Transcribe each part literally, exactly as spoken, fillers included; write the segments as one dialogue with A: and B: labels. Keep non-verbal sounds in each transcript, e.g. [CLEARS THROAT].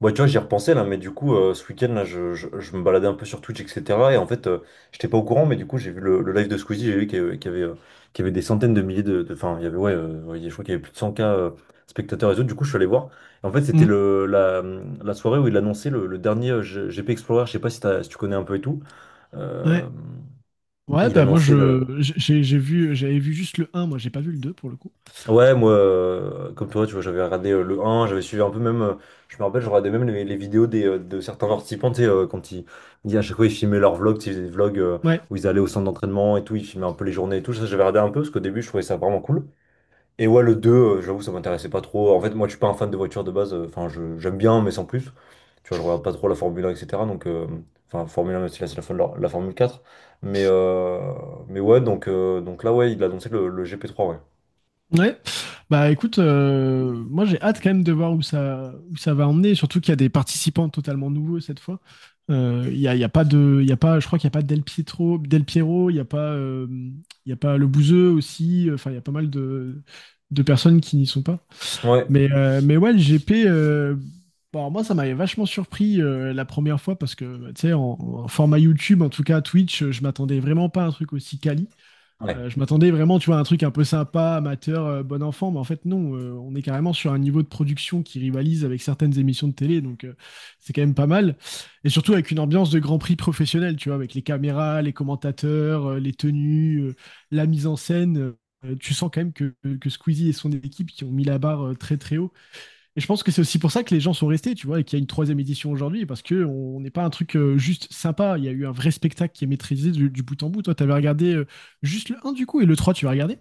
A: Ouais, tu vois, j'y repensais là, mais du coup, euh, ce week-end, là, je, je, je me baladais un peu sur Twitch, et cetera. Et en fait, euh, j'étais pas au courant, mais du coup, j'ai vu le, le live de Squeezie, j'ai vu qu'il y avait, qu'il y avait, euh, qu'il y avait des centaines de milliers de. de- Enfin, il y avait, ouais, euh, ouais, je crois qu'il y avait plus de cent k euh, spectateurs et autres. Du coup, je suis allé voir. Et en fait, c'était
B: Mm.
A: le, la, la soirée où il annonçait le, le dernier euh, G- GP Explorer. Je sais pas si, t'as- si tu connais un peu et tout. Euh,
B: Ouais. Ouais,
A: il
B: bah moi
A: annonçait.
B: je j'ai j'ai vu j'avais vu juste le un, moi j'ai pas vu le deux pour le coup.
A: Ouais, moi, euh, comme toi, tu vois, j'avais regardé euh, le un, j'avais suivi un peu même, euh, je me rappelle, je regardais même les, les vidéos des, euh, de certains participants, tu sais, euh, quand ils, ils- à chaque fois, ils filmaient leurs vlogs, tu sais, ils faisaient des vlogs euh,
B: Ouais.
A: où ils allaient au centre d'entraînement et tout, ils filmaient un peu les journées et tout, ça, j'avais regardé un peu, parce qu'au début, je trouvais ça vraiment cool. Et ouais, le deux, euh, j'avoue, ça m'intéressait pas trop. En fait, moi, je suis pas un fan de voitures de base, euh, enfin, je, j'aime bien, mais sans plus. Tu vois, je regarde pas trop la Formule un, et cetera. Donc, euh, enfin, Formule un, même si là, c'est la, fin de la, la Formule quatre. Mais, euh, mais ouais, donc, euh, donc là, ouais, il a annoncé le, le gp trois, ouais.
B: Ouais. Bah écoute, euh, moi j'ai hâte quand même de voir où ça où ça va emmener, surtout qu'il y a des participants totalement nouveaux cette fois. Euh, Il y a, il y a pas de il y a pas je crois qu'il y a pas Del Pietro, Del Piero, il y a pas euh, il y a pas le Bouzeux aussi, euh, enfin il y a pas mal de de personnes qui n'y sont pas.
A: Ouais.
B: Mais, euh, mais ouais, le G P, euh, bon, alors moi, ça m'avait vachement surpris euh, la première fois parce que, tu sais, en, en format YouTube, en tout cas Twitch, euh, je m'attendais vraiment pas à un truc aussi quali.
A: Ouais.
B: Euh, je m'attendais vraiment, tu vois, à un truc un peu sympa, amateur, euh, bon enfant, mais en fait, non, euh, on est carrément sur un niveau de production qui rivalise avec certaines émissions de télé, donc euh, c'est quand même pas mal. Et surtout avec une ambiance de Grand Prix professionnel, tu vois, avec les caméras, les commentateurs, euh, les tenues, euh, la mise en scène. Euh, tu sens quand même que, que Squeezie et son équipe qui ont mis la barre euh, très très haut. Et je pense que c'est aussi pour ça que les gens sont restés, tu vois, et qu'il y a une troisième édition aujourd'hui, parce que on n'est pas un truc euh, juste sympa. Il y a eu un vrai spectacle qui est maîtrisé du, du bout en bout. Toi, tu avais regardé euh, juste le un du coup, et le trois, tu vas regarder?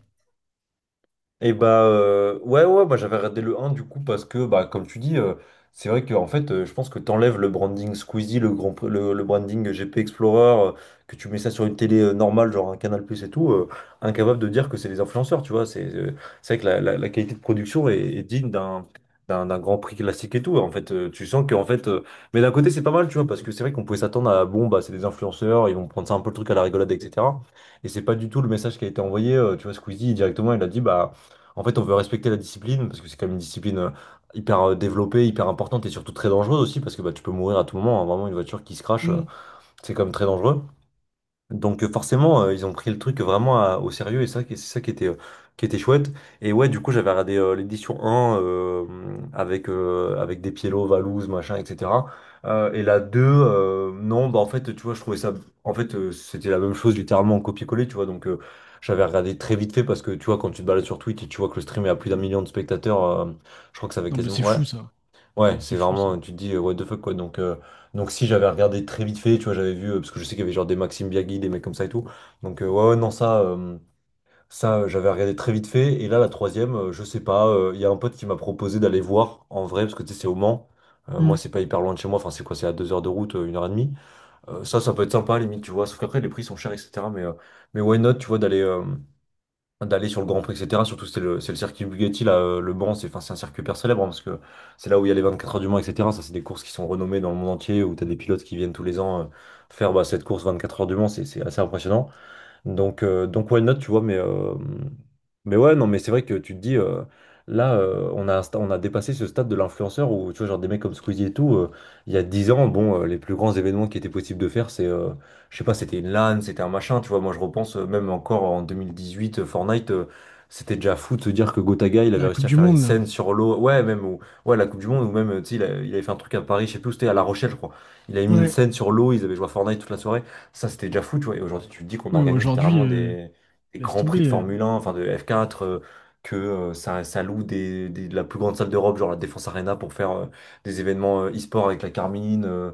A: Et bah, euh, ouais, ouais, moi j'avais regardé le un du coup, parce que bah, comme tu dis, euh, c'est vrai que en fait, euh, je pense que t'enlèves le branding Squeezie, le grand, le, le branding G P Explorer, euh, que tu mets ça sur une télé euh, normale, genre un Canal+ Plus et tout, euh, incapable de dire que c'est des influenceurs, tu vois, c'est, euh, c'est vrai que la, la- la qualité de production est, est digne d'un d'un d'un Grand Prix classique et tout, en fait, euh, tu sens que en fait, euh, mais d'un côté c'est pas mal, tu vois, parce que c'est vrai qu'on pouvait s'attendre à bon, bah c'est des influenceurs, ils vont prendre ça un peu, le truc à la rigolade, etc. Et c'est pas du tout le message qui a été envoyé, euh, tu vois, Squeezie directement il a dit bah, en fait, on veut respecter la discipline parce que c'est quand même une discipline euh, hyper euh, développée, hyper importante et surtout très dangereuse aussi, parce que bah, tu peux mourir à tout moment, hein. Vraiment, une voiture qui se crache, euh,
B: Mm.
A: c'est quand même très dangereux. Donc euh, forcément, euh, ils ont pris le truc vraiment à- au sérieux et ça, qui- c'est ça qui était, euh, qui était chouette. Et ouais, du coup, j'avais regardé euh, l'édition un, euh, avec, euh, avec des Pielo, Valouz, machin, et cetera. Euh, et la deux, euh, non, bah en fait, tu vois, je trouvais ça... En fait, euh, c'était la même chose, littéralement, en copier-coller, tu vois. Donc euh, j'avais regardé très vite fait, parce que, tu vois, quand tu te balades sur Twitch et tu vois que le stream est à plus d'un million de spectateurs, euh, je crois que ça avait
B: Non, mais
A: quasiment...
B: c'est
A: Ouais.
B: fou ça.
A: Ouais,
B: C'est c'est
A: c'est
B: fou ça.
A: vraiment, tu te dis, euh, what the fuck, quoi. Donc, euh, donc si j'avais regardé très vite fait, tu vois, j'avais vu, euh, parce que je sais qu'il y avait genre des Maxime Biagui, des mecs comme ça et tout. Donc, euh, ouais, ouais, non, ça, euh, ça, euh, j'avais regardé très vite fait. Et là, la troisième, euh, je sais pas, euh, il y a un pote qui m'a proposé d'aller voir en vrai, parce que tu sais, c'est au Mans. Euh, moi,
B: Mm.
A: c'est pas hyper loin de chez moi, enfin, c'est quoi, c'est à deux heures de route, euh, une heure et demie. Euh, ça, ça peut être sympa, limite, tu vois. Sauf qu'après, les prix sont chers, et cetera. Mais, euh, mais why not, tu vois, d'aller. euh, d'aller sur le Grand Prix, et cetera. Surtout, c'est le, c'est le circuit Bugatti, là, euh, le Mans, c'est enfin, c'est un circuit hyper célèbre, hein, parce que c'est là où il y a les vingt-quatre heures du Mans, et cetera. Ça, c'est des courses qui sont renommées dans le monde entier, où tu as des pilotes qui viennent tous les ans, euh, faire bah, cette course vingt-quatre heures du Mans, c'est c'est assez impressionnant. Donc, euh, donc why not, tu vois, mais, euh, mais ouais, non, mais c'est vrai que tu te dis, euh, là, euh, on a, un sta- on a dépassé ce stade de l'influenceur où, tu vois, genre des mecs comme Squeezie et tout, euh, il y a dix ans, bon, euh, les plus grands événements qui étaient possibles de faire, c'est, euh, je sais pas, c'était une LAN, c'était un machin, tu vois, moi je repense, euh, même encore en deux mille dix-huit, euh, Fortnite, euh, c'était déjà fou de se dire que Gotaga, il avait
B: La
A: réussi
B: Coupe
A: à
B: du
A: faire une
B: Monde, là.
A: scène sur l'eau, ouais, même, ou, ouais, la Coupe du Monde, ou même, euh, tu sais, il, a- il avait fait un truc à Paris, je sais plus où c'était, à La Rochelle, je crois, il avait mis une
B: Ouais.
A: scène sur l'eau, ils avaient joué à Fortnite toute la soirée. Ça, c'était déjà fou, tu vois. Et aujourd'hui, tu te dis qu'on
B: Oui,
A: organise
B: aujourd'hui,
A: littéralement
B: euh,
A: des, des
B: laisse
A: grands prix
B: tomber.
A: de
B: euh.
A: Formule un, enfin de F quatre, euh, que, euh, ça, ça loue des, des- de la plus grande salle d'Europe, genre la Défense Arena, pour faire euh, des événements euh, e-sport avec la Carmine, euh,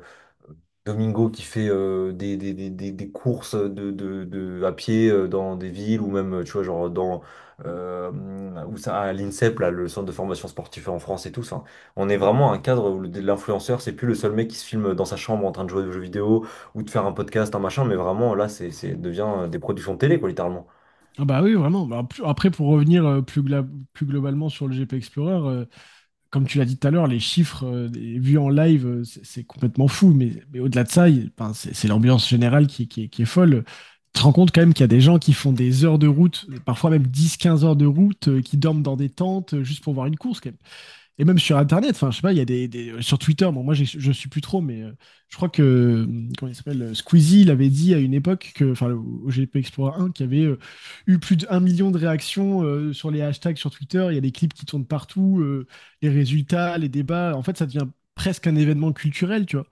A: Domingo qui fait euh, des, des, des, des- des courses de, de, de- à pied euh, dans des villes ou même, euh, tu vois, genre dans euh, où ça, à l'INSEP, là, le centre de formation sportive en France et tout ça, hein. On est vraiment à un cadre où le- l'influenceur, c'est plus le seul mec qui se filme dans sa chambre en train de jouer aux jeux vidéo ou de faire un podcast, un machin, mais vraiment là, c'est, c'est devient, euh, des productions de télé, quoi, littéralement.
B: Ah bah oui, vraiment. Bah, plus- Après, pour revenir euh, plus, gla- plus globalement sur le G P Explorer, euh, comme tu l'as dit tout à l'heure, les chiffres euh, des- vus en live, euh, c'est c'est complètement fou. Mais, mais au-delà de ça, il- enfin, c'est c'est l'ambiance générale qui, qui est qui est folle. Tu te rends compte quand même qu'il y a des gens qui font des heures de route, parfois même dix, quinze heures de route, euh, qui dorment dans des tentes euh, juste pour voir une course. Quand même. Et même sur Internet, enfin, je sais pas, il y a des, des- euh, sur Twitter, bon, moi, j'ai- je suis plus trop, mais euh, je crois que, euh, comment il s'appelle, euh, Squeezie, il avait dit à une époque que, enfin, au au G P Explorer un, qu'il y avait euh, eu plus d'un million de réactions euh, sur les hashtags sur Twitter. Il y a des clips qui tournent partout, euh, les résultats, les débats. En fait, ça devient presque un événement culturel, tu vois.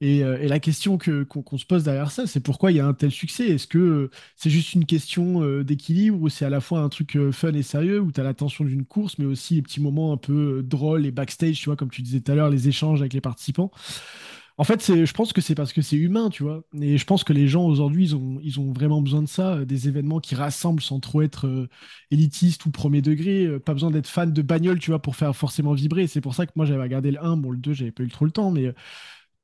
B: Et, euh, et la question que, qu'on, qu'on se pose derrière ça, c'est pourquoi il y a un tel succès? Est-ce que, euh, c'est juste une question euh, d'équilibre où c'est à la fois un truc euh, fun et sérieux, où tu as la tension d'une course, mais aussi les petits moments un peu euh, drôles et backstage, tu vois, comme tu disais tout à l'heure, les échanges avec les participants. En fait, c'est, je pense que c'est parce que c'est humain, tu vois. Et je pense que les gens aujourd'hui, ils ont, ils ont vraiment besoin de ça, euh, des événements qui rassemblent sans trop être euh, élitiste ou premier degré. Euh, pas besoin d'être fan de bagnole, tu vois, pour faire forcément vibrer. C'est pour ça que moi, j'avais regardé le un, bon, le deux j'avais pas eu trop le temps, mais euh,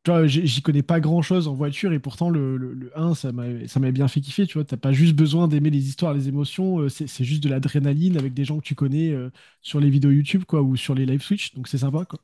B: tu vois, j'y connais pas grand-chose en voiture et pourtant le, le, le un, ça m'a ça m'a bien fait kiffer, tu vois. T'as pas juste besoin d'aimer les histoires, les émotions, euh, c'est c'est juste de l'adrénaline avec des gens que tu connais euh, sur les vidéos YouTube, quoi, ou sur les live Switch, donc c'est sympa, quoi.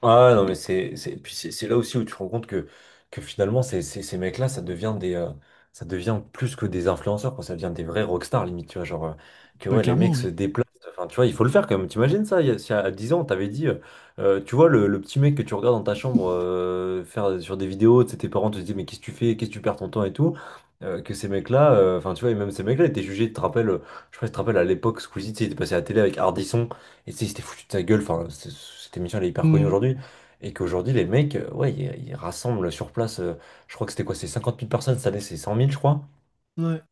A: Ah non mais c'est c'est puis c'est c'est là aussi où tu te rends compte que que finalement ces ces, ces mecs-là, ça devient des, euh, ça devient plus que des influenceurs, quoi, ça devient des vrais rockstars, limite, tu vois, genre, euh, que
B: Bah
A: ouais, les mecs
B: clairement,
A: se
B: oui.
A: déplacent, enfin tu vois, il faut le faire quand même, t'imagines ça, il y a, si à dix ans on t'avait dit, euh, euh, tu vois, le, le petit mec que tu regardes dans ta chambre, euh, faire sur des vidéos, tu sais, tes parents te disaient mais qu'est-ce que tu fais, qu'est-ce que tu perds ton temps et tout, euh, que ces mecs-là, euh, enfin tu vois, et même ces mecs-là étaient jugés, tu te rappelles, euh, je sais pas si tu te rappelles, à l'époque Squeezie, tu sais, il était passé à la télé avec Ardisson et tu sais, il s'était foutu de sa gueule. Enfin, c'est- cette émission, elle est hyper connue
B: Mm.
A: aujourd'hui. Et qu'aujourd'hui, les mecs, euh, ouais, ils, ils rassemblent sur place, euh, je crois que c'était quoi, c'est cinquante mille personnes, cette année, c'est cent mille, je crois,
B: Ouais,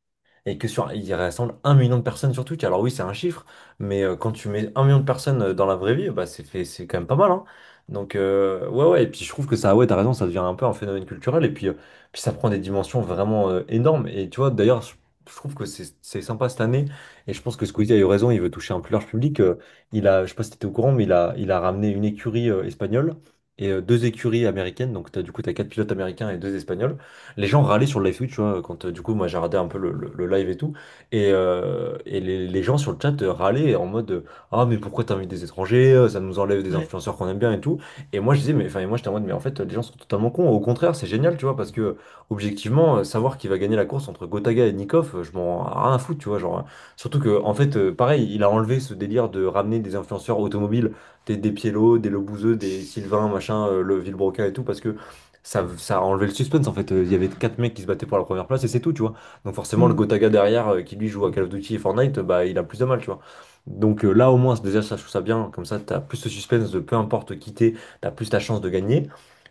A: et que sur, il rassemble un million de personnes sur Twitch. Alors oui, c'est un chiffre, mais euh, quand tu mets un million de personnes euh, dans la vraie vie, bah c'est fait, c'est quand même pas mal, hein. Donc euh, ouais, ouais. Et puis je trouve que ça, ouais, t'as raison, ça devient un peu un phénomène culturel. Et puis, euh, puis ça prend des dimensions vraiment euh, énormes. Et tu vois, d'ailleurs, je, je trouve que c'est c'est sympa cette année. Et je pense que Squeezie a eu raison. Il veut toucher un plus large public. Euh, il a, je sais pas si t'étais au courant, mais il a, il a ramené une écurie euh, espagnole. Et euh, deux écuries américaines, donc t'as, du coup, t'as quatre pilotes américains et deux espagnols. Les gens râlaient sur le live Twitch, tu vois, quand, euh, du coup, moi j'ai regardé un peu le, le- le live et tout, et, euh, et les, les gens sur le chat euh, râlaient en mode, euh, ah, mais pourquoi t'invites des étrangers? euh, Ça nous enlève des
B: ouais.
A: influenceurs qu'on aime bien et tout. Et moi je disais, mais enfin, et moi j'étais en mode, mais en fait, les gens sont totalement cons. Au contraire, c'est génial, tu vois, parce que objectivement, euh, savoir qui va gagner la course entre Gotaga et Nikov, euh, je m'en rien à foutre, tu vois, genre. euh, Surtout que, en fait, euh, pareil, il a enlevé ce délire de ramener des influenceurs automobiles, des, des Pielo, des Lobouzeux, des Sylvain, machin, euh, le Villebroca et tout, parce que ça, ça a enlevé le suspense en fait. Euh, Il y avait quatre mecs qui se battaient pour la première place et c'est tout, tu vois. Donc forcément, le
B: Mm.
A: Gotaga derrière, euh, qui lui joue à Call of Duty et Fortnite, euh, bah il a plus de mal, tu vois. Donc euh, là, au moins, déjà, ça, je trouve ça bien. Comme ça, t'as plus de suspense, de peu importe qui t'es, t'as plus ta chance de gagner.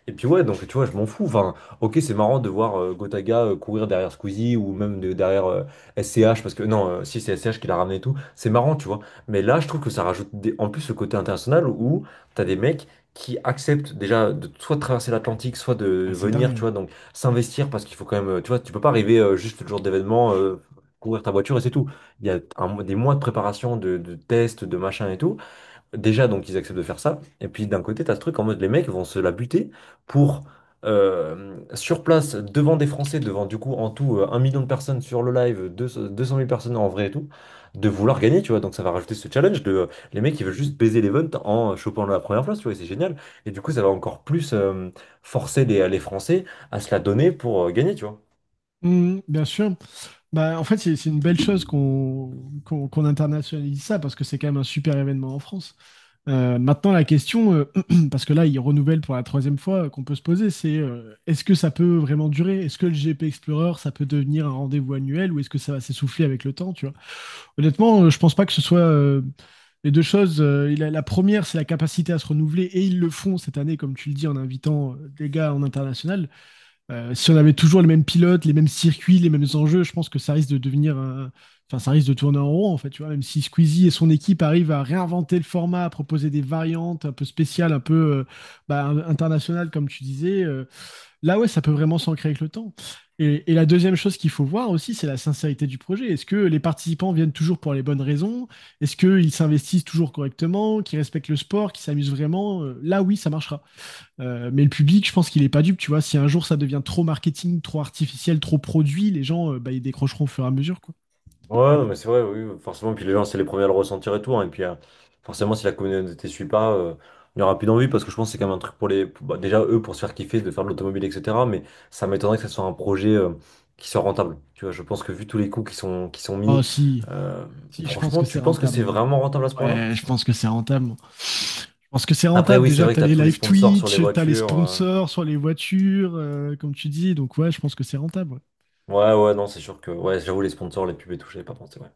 A: Et puis ouais, donc tu vois, je m'en fous. Enfin, ok, c'est marrant de voir euh, Gotaga euh, courir derrière Squeezie ou même de- derrière, euh, S C H, parce que non, euh, si c'est S C H qui l'a ramené et tout, c'est marrant, tu vois. Mais là, je trouve que ça rajoute des- en plus ce côté international où t'as des mecs qui acceptent déjà, de soit de traverser l'Atlantique, soit de
B: Ah, c'est
A: venir,
B: dingue.
A: tu
B: Hein.
A: vois, donc s'investir parce qu'il faut quand même, euh, tu vois, tu peux pas arriver euh, juste le jour d'événement, euh, courir ta voiture et c'est tout. Il y a un- des mois de préparation, de, de tests, de machin et tout. Déjà, donc, ils acceptent de faire ça. Et puis, d'un côté, t'as ce truc en mode les mecs vont se la buter pour, euh, sur place, devant des Français, devant, du coup, en tout, euh, un million de personnes sur le live, deux- cent- deux cent mille personnes en vrai et tout, de vouloir gagner, tu vois. Donc, ça va rajouter ce challenge de, euh, les mecs ils veulent juste baiser l'event en chopant la première place, tu vois, et C'est génial. Et du coup, ça va encore plus, euh, forcer les, les Français à se la donner pour euh, gagner, tu vois.
B: Mhm, bien sûr. Bah, en fait, c'est c'est une belle chose qu'on qu'on qu'on internationalise ça parce que c'est quand même un super événement en France. Euh, maintenant, la question, euh, [CLEARS THROAT] parce que là, il renouvelle pour la troisième fois euh, qu'on peut se poser, c'est euh, est-ce que ça peut vraiment durer? Est-ce que le G P Explorer, ça peut devenir un rendez-vous annuel ou est-ce que ça va s'essouffler avec le temps, tu vois? Honnêtement, euh, je pense pas que ce soit euh, les deux choses. Euh, il a- la première, c'est la capacité à se renouveler et ils le font cette année, comme tu le dis, en invitant euh, des gars en international. Euh, si on avait toujours les mêmes pilotes, les mêmes circuits, les mêmes enjeux, je pense que ça risque de devenir un- Enfin, ça risque de tourner en rond, en fait, tu vois, même si Squeezie et son équipe arrivent à réinventer le format, à proposer des variantes un peu spéciales, un peu euh, bah, un- internationales, comme tu disais, euh, là, ouais, ça peut vraiment s'ancrer avec le temps. Et, et la deuxième chose qu'il faut voir aussi, c'est la sincérité du projet. Est-ce que les participants viennent toujours pour les bonnes raisons? Est-ce qu'ils s'investissent toujours correctement, qu'ils respectent le sport, qu'ils s'amusent vraiment? Euh, Là, oui, ça marchera. Euh, mais le public, je pense qu'il est pas dupe, tu vois. Si un jour ça devient trop marketing, trop artificiel, trop produit, les gens, euh, bah, ils décrocheront au fur et à mesure, quoi.
A: Ouais, non, mais c'est vrai, oui, forcément. Puis les gens, c'est les premiers à le ressentir et tout, hein. Et puis, euh, forcément, si la communauté suit pas, euh, il n'y aura plus d'envie parce que je pense que c'est quand même un truc pour les. bah, déjà, eux, pour se faire kiffer, de faire de l'automobile, et cetera. Mais ça m'étonnerait que ce soit un projet, euh, qui soit rentable. Tu vois, je pense que vu tous les coûts qui sont, qui sont
B: Oh,
A: mis,
B: si,
A: euh,
B: si, je pense
A: franchement,
B: que c'est
A: tu penses que
B: rentable,
A: c'est
B: moi.
A: vraiment rentable à ce point-là?
B: Ouais, je pense que c'est rentable. Moi. Je pense que c'est
A: Après,
B: rentable.
A: oui, c'est
B: Déjà,
A: vrai que
B: t'as
A: tu as
B: les
A: tous les
B: live
A: sponsors sur les
B: Twitch, t'as les
A: voitures. euh.
B: sponsors sur les voitures, euh, comme tu dis. Donc, ouais, je pense que c'est rentable. Ouais.
A: Ouais, ouais, non, c'est sûr que. Ouais, j'avoue, les sponsors, les pubs et tout, j'avais pas pensé, ouais.